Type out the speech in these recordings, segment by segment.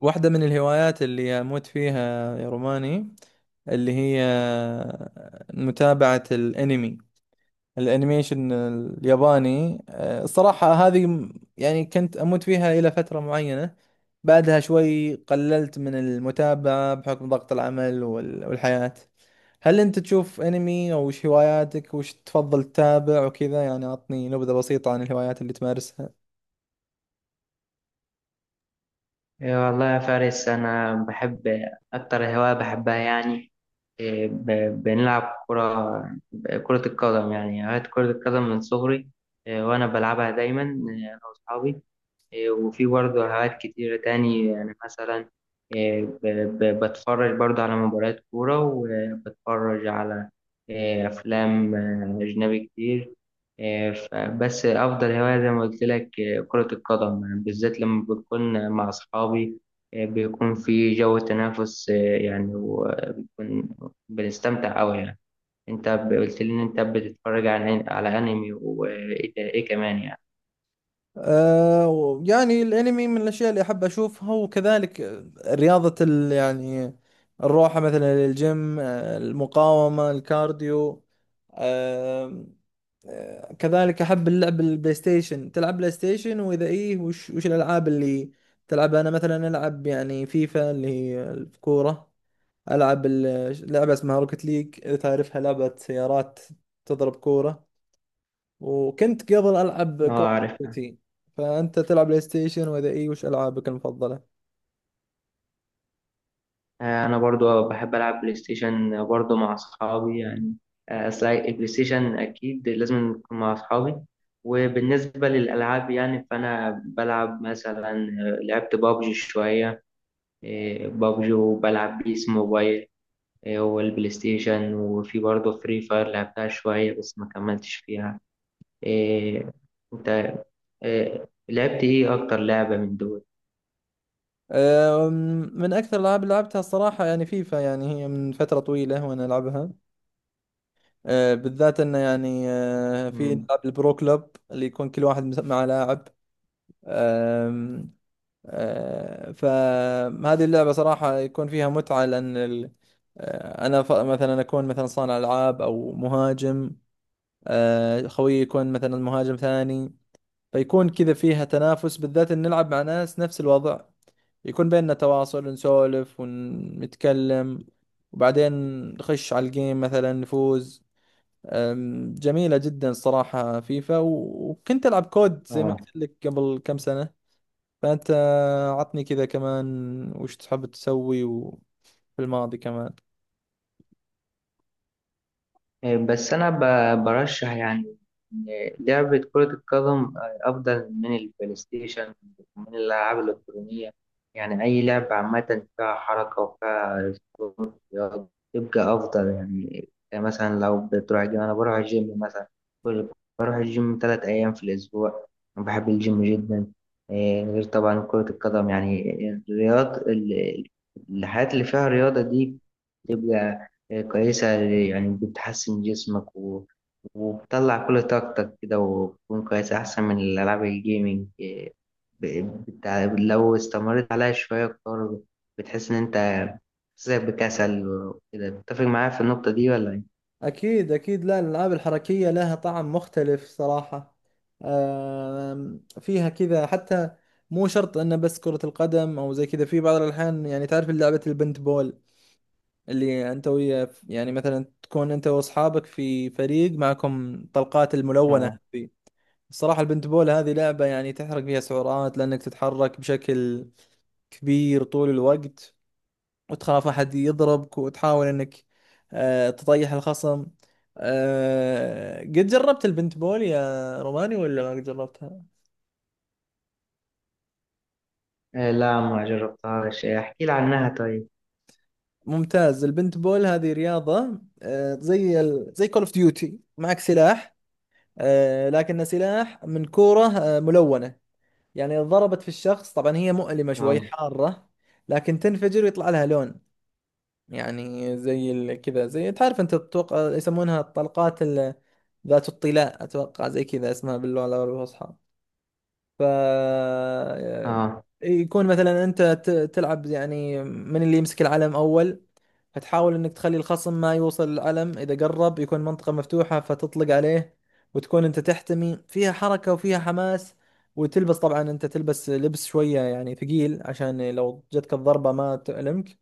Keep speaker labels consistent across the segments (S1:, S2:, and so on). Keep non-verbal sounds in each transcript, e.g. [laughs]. S1: واحدة من الهوايات اللي أموت فيها يا روماني، اللي هي متابعة الأنمي، الأنيميشن الياباني. الصراحة هذه يعني كنت أموت فيها إلى فترة معينة، بعدها شوي قللت من المتابعة بحكم ضغط العمل وال- والحياة. هل أنت تشوف أنمي؟ أو وش هواياتك؟ وش تفضل تتابع وكذا؟ يعني أعطني نبذة بسيطة عن الهوايات اللي تمارسها.
S2: إيه والله يا فارس، أنا بحب. أكتر هواية بحبها يعني إيه، بنلعب كرة. كرة القدم، يعني هواية كرة القدم من صغري. إيه، وأنا بلعبها دايما، إيه أنا وأصحابي. إيه، وفي برضه هوايات كتيرة تاني يعني مثلا إيه، بتفرج برضه على مباريات كورة، وبتفرج على إيه، أفلام أجنبي كتير. إيه، بس أفضل هواية زي ما قلت لك إيه، كرة القدم يعني، بالذات لما بكون مع أصحابي. إيه، بيكون في جو تنافس إيه، يعني وبيكون بنستمتع أوي يعني. أنت قلت لي إن أنت بتتفرج على أنمي وإيه إيه كمان يعني؟
S1: يعني الانمي من الاشياء اللي احب اشوفها، وكذلك رياضة ال يعني الروحة مثلا للجيم، المقاومة، الكارديو. آه كذلك احب اللعب البلاي ستيشن. تلعب بلاي ستيشن؟ واذا ايه وش الالعاب اللي تلعبها؟ انا مثلا العب يعني فيفا اللي هي الكورة، العب لعبة اسمها روكت ليج، اذا تعرفها، لعبة سيارات تضرب كورة. وكنت قبل العب كول
S2: أه،
S1: اوف
S2: عارف.
S1: ديوتي. فانت تلعب بلاي ستيشن؟ واذا اي وش العابك المفضله؟
S2: آه، انا برضو بحب العب بلاي ستيشن برضو مع اصحابي يعني. آه، اصل البلاي ستيشن اكيد لازم نكون مع اصحابي. وبالنسبه للالعاب يعني فانا بلعب مثلا، آه، لعبت بابجي شويه. آه، بابجي، وبلعب بيس موبايل. آه، والبلاي ستيشن، وفي برضو فري فاير لعبتها شويه بس ما كملتش فيها. آه، انت آه، لعبت ايه اكتر لعبه من دول؟
S1: أم، من اكثر الالعاب اللي لعبتها الصراحه يعني فيفا، يعني هي من فتره طويله وانا العبها. بالذات انه يعني في
S2: مم.
S1: نلعب البرو كلوب اللي يكون كل واحد مع لاعب. أم، أه، فهذه اللعبه صراحه يكون فيها متعه لان ال- أه، انا مثلا اكون مثلا صانع العاب او مهاجم، خويي يكون مثلا مهاجم ثاني، فيكون كذا فيها تنافس، بالذات إن نلعب مع ناس نفس الوضع، يكون بيننا تواصل، نسولف ونتكلم، وبعدين نخش على الجيم مثلا نفوز. جميلة جدا صراحة فيفا، و- وكنت ألعب كود زي ما
S2: اه،
S1: قلت لك قبل كم سنة. فأنت عطني كذا كمان، وش تحب تسوي في الماضي كمان؟
S2: آه، بس أنا برشح يعني إن لعبة كرة القدم أفضل من البلاي ستيشن ومن الألعاب الإلكترونية. يعني أي لعبة عامة فيها حركة وفيها سكون رياضي يبقى أفضل يعني. يعني مثلا لو بتروح الجيم، أنا بروح الجيم مثلا كل بروح الجيم تلات أيام في الأسبوع. أنا بحب الجيم جدا. إيه، غير طبعا كرة القدم يعني. الرياض ال- الحاجات اللي فيها رياضة دي كويسة، يعني بتحسن جسمك، و... وبتطلع كل طاقتك كده وبتكون كويس أحسن من الألعاب الجيمنج إيه، ب... لو استمرت عليها شوية أكتر بتحس إن أنت بتحسسك بكسل وكده. بتتفق معايا في النقطة دي ولا إيه؟
S1: أكيد أكيد، لا الألعاب الحركية لها طعم مختلف صراحة. فيها كذا حتى، مو شرط أنه بس كرة القدم أو زي كذا. في بعض الأحيان يعني تعرف لعبة البنت بول اللي أنت ويا يعني مثلا تكون أنت وأصحابك في فريق معكم طلقات الملونة
S2: آه،
S1: هذه. الصراحة البنت بول هذه لعبة يعني تحرق فيها سعرات، لأنك تتحرك بشكل كبير طول الوقت، وتخاف أحد يضربك، وتحاول إنك تطيح الخصم. قد جربت البنت بول يا روماني ولا ما قد جربتها؟
S2: إيه، لا ما جربتهاش، إيه، احكي لي عنها طيب.
S1: ممتاز. البنت بول هذه رياضة زي زي كول اوف ديوتي، معك سلاح، لكنه سلاح من كورة ملونة. يعني إذا ضربت في الشخص طبعا هي مؤلمة شوي،
S2: آه،
S1: حارة، لكن تنفجر ويطلع لها لون. يعني زي كذا، زي تعرف انت تتوقع يسمونها الطلقات ذات الطلاء، اتوقع زي كذا اسمها باللغه العربيه الفصحى. ف آه،
S2: آه،
S1: يكون مثلا انت تلعب، يعني من اللي يمسك العلم اول، فتحاول انك تخلي الخصم ما يوصل الألم، اذا قرب يكون منطقة مفتوحة فتطلق عليه، وتكون انت تحتمي. فيها حركة وفيها حماس. وتلبس، طبعا انت تلبس لبس شوية يعني ثقيل عشان لو جتك الضربة ما تألمك.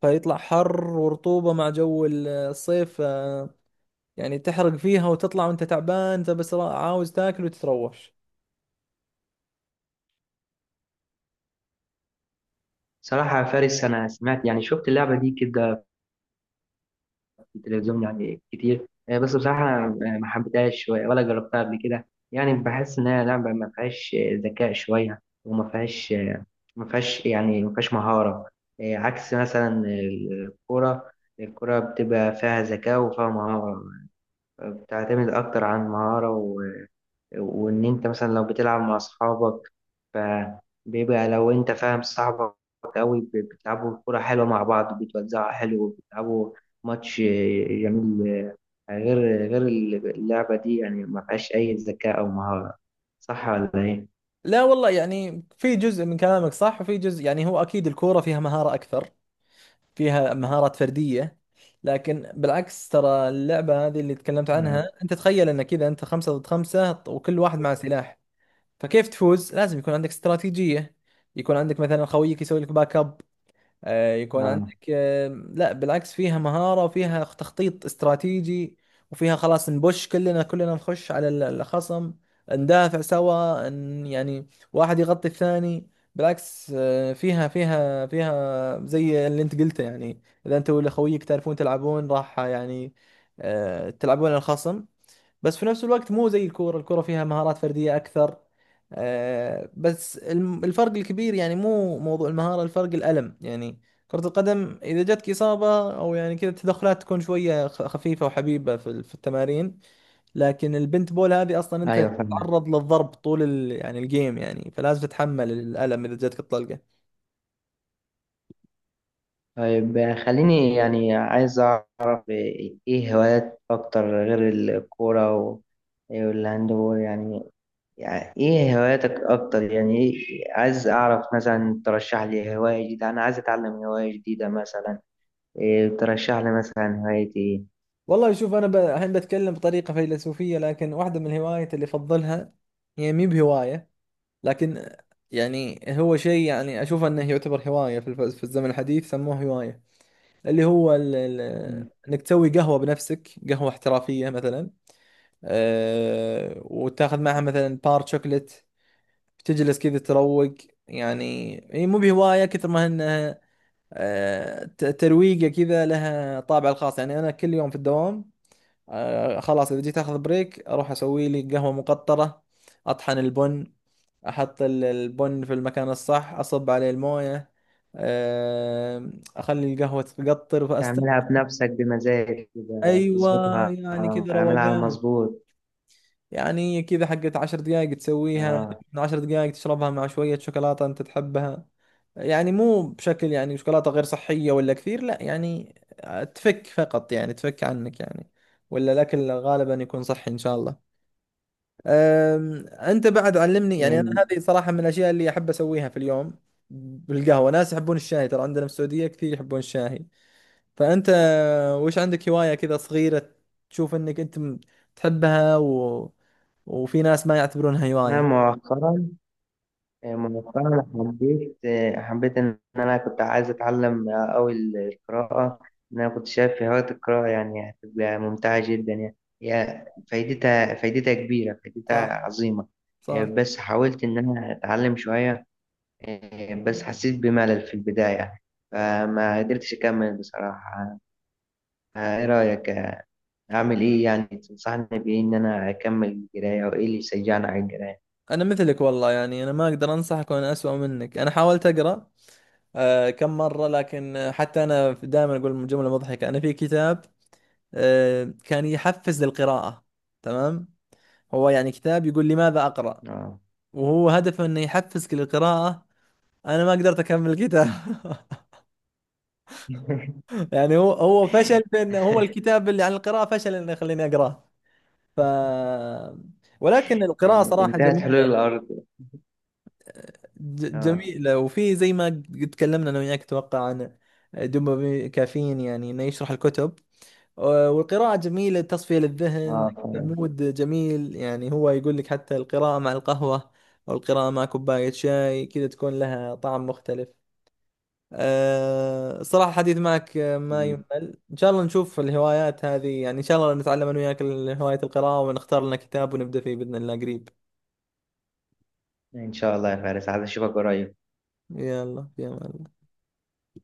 S1: فيطلع حر ورطوبة مع جو الصيف. يعني تحرق فيها وتطلع وانت تعبان، انت بس عاوز تاكل وتتروش.
S2: صراحة يا فارس أنا سمعت يعني، شفت اللعبة دي كده التلفزيون يعني كتير آه، بس بصراحة آه، ما حبيتهاش شوية، ولا جربتها قبل كده. يعني بحس إنها لعبة ما فيهاش آه، ذكاء شوية، وما فيهاش آه، ما فيهاش مهارة. آه، عكس مثلا الكرة. الكرة بتبقى فيها ذكاء وفيها مهارة، بتعتمد أكتر عن مهارة. وان انت مثلا لو بتلعب مع اصحابك فبيبقى لو انت فاهم صاحبك قوي، بتلعبوا كرة حلوة مع بعض، بتوزعوا حلو، بتلعبوا ماتش جميل. غير غير اللعبة دي يعني ما فيهاش أي ذكاء أو مهارة. صح ولا إيه؟
S1: لا والله، يعني في جزء من كلامك صح، وفي جزء يعني هو اكيد الكورة فيها مهارة اكثر، فيها مهارات فردية، لكن بالعكس ترى اللعبة هذه اللي تكلمت عنها
S2: نعم.
S1: أنت، تخيل أن كذا أنت خمسة ضد خمسة وكل واحد مع سلاح، فكيف تفوز؟ لازم يكون عندك استراتيجية، يكون عندك مثلا خويك يسوي لك باك اب، يكون
S2: آه.
S1: عندك لا بالعكس فيها مهارة وفيها تخطيط استراتيجي، وفيها خلاص نبش، كلنا نخش على الخصم، ندافع سوا، يعني واحد يغطي الثاني. بالعكس فيها فيها زي اللي انت قلته يعني، اذا انت ولا خويك تعرفون تلعبون راح يعني تلعبون على الخصم. بس في نفس الوقت مو زي الكورة. الكورة فيها مهارات فردية أكثر. بس الفرق الكبير يعني مو موضوع المهارة، الفرق الألم يعني. كرة القدم إذا جاتك إصابة أو يعني كذا التدخلات تكون شوية خفيفة وحبيبة في في التمارين، لكن البنت بول هذه أصلا أنت
S2: أيوه فاهم.
S1: تتعرض للضرب طول ال يعني الجيم يعني، فلازم تتحمل الألم إذا جاتك الطلقة.
S2: طيب خليني يعني عايز أعرف إيه هوايات أكتر غير الكورة و- والهاند بول يعني. يعني ايه هواياتك اكتر يعني، إيه، عايز اعرف مثلا ترشح لي هواية جديدة، انا عايز اتعلم هواية جديدة مثلا. إيه ترشح لي مثلا هواية ايه؟
S1: والله شوف، أنا الحين بتكلم بطريقة فيلسوفية، لكن واحدة من الهوايات اللي أفضلها هي مي بهواية، لكن يعني هو شيء يعني اشوف انه يعتبر هوايه، في في الزمن الحديث سموه هوايه، اللي هو ال
S2: مم.
S1: انك تسوي قهوه بنفسك، قهوه احترافيه مثلا، وتاخذ معها مثلا بار شوكلت، تجلس كذا تروق. يعني هي مو بهوايه كثر ما انها ترويقه كذا، لها طابع الخاص. يعني انا كل يوم في الدوام، خلاص اذا جيت اخذ بريك اروح اسوي لي قهوة مقطرة، اطحن البن، احط البن في المكان الصح، اصب عليه الموية، آه اخلي القهوة تقطر فاست.
S2: تعملها بنفسك بمزاج كده،
S1: ايوه
S2: تظبطها
S1: يعني كذا
S2: اعملها على
S1: روقان،
S2: المظبوط.
S1: يعني كذا حقت عشر دقائق تسويها،
S2: اه.
S1: من عشر دقائق تشربها مع شوية شوكولاتة انت تحبها، يعني مو بشكل يعني شوكولاتة غير صحية ولا كثير، لا يعني، تفك فقط يعني، تفك عنك يعني، ولا الأكل غالبا يكون صحي إن شاء الله. انت بعد علمني يعني، انا
S2: إيه،
S1: هذه صراحه من الاشياء اللي احب اسويها في اليوم بالقهوه. ناس يحبون الشاي، ترى عندنا في السعوديه كثير يحبون الشاي. فانت وش عندك هوايه كذا صغيره تشوف انك انت تحبها، و... وفي ناس ما يعتبرونها
S2: انا
S1: هوايه؟
S2: مؤخرا مؤخرا حبيت آه، حبيت إن أنا كنت عايز أتعلم آه، أوي القراءة. إن أنا كنت شايف في هواية القراءة يعني هتبقى ممتعة جدا يعني. هي فايدتها كبيرة، فايدتها
S1: صح
S2: عظيمة. آه،
S1: صح.
S2: بس حاولت إن أنا أتعلم شوية، آه، بس حسيت بملل في البداية فما قدرتش أكمل بصراحة. آه، إيه رأيك؟ آه، أعمل إيه؟ يعني تنصحني بإيه إن أنا أكمل القراية، وإيه اللي يشجعني على القراية؟
S1: انا مثلك والله، يعني انا ما اقدر انصحك وانا اسوأ منك. انا حاولت اقرا كم مره، لكن حتى انا دائما اقول جمله مضحكه، انا في كتاب كان يحفز للقراءه، تمام، هو يعني كتاب يقول لماذا أقرأ،
S2: آه.
S1: وهو هدفه إنه يحفزك للقراءة، أنا ما قدرت أكمل الكتاب. [laughs] يعني هو فشل في إنه هو
S2: [laughs]
S1: الكتاب اللي عن القراءة فشل إنه يخليني أقرأه. ف ولكن القراءة
S2: يعني
S1: صراحة
S2: انتهت حلول
S1: جميلة.
S2: الأرض. اه.
S1: جميلة، وفي زي ما قد تكلمنا أنا وياك أتوقع عن دوبامين كافيين، يعني إنه يشرح الكتب. والقراءة جميلة، تصفية للذهن،
S2: اه فعلا.
S1: كمود جميل. يعني هو يقول لك حتى القراءة مع القهوة أو القراءة مع كوباية شاي كذا تكون لها طعم مختلف. صراحة حديث معك ما
S2: مم.
S1: يمل. إن شاء الله نشوف الهوايات هذه، يعني إن شاء الله نتعلم أنا وياك هواية القراءة، ونختار لنا كتاب ونبدأ فيه بإذن الله قريب.
S2: ان شاء الله يا فارس، عايز اشوفك قريب.
S1: يلا في أمان.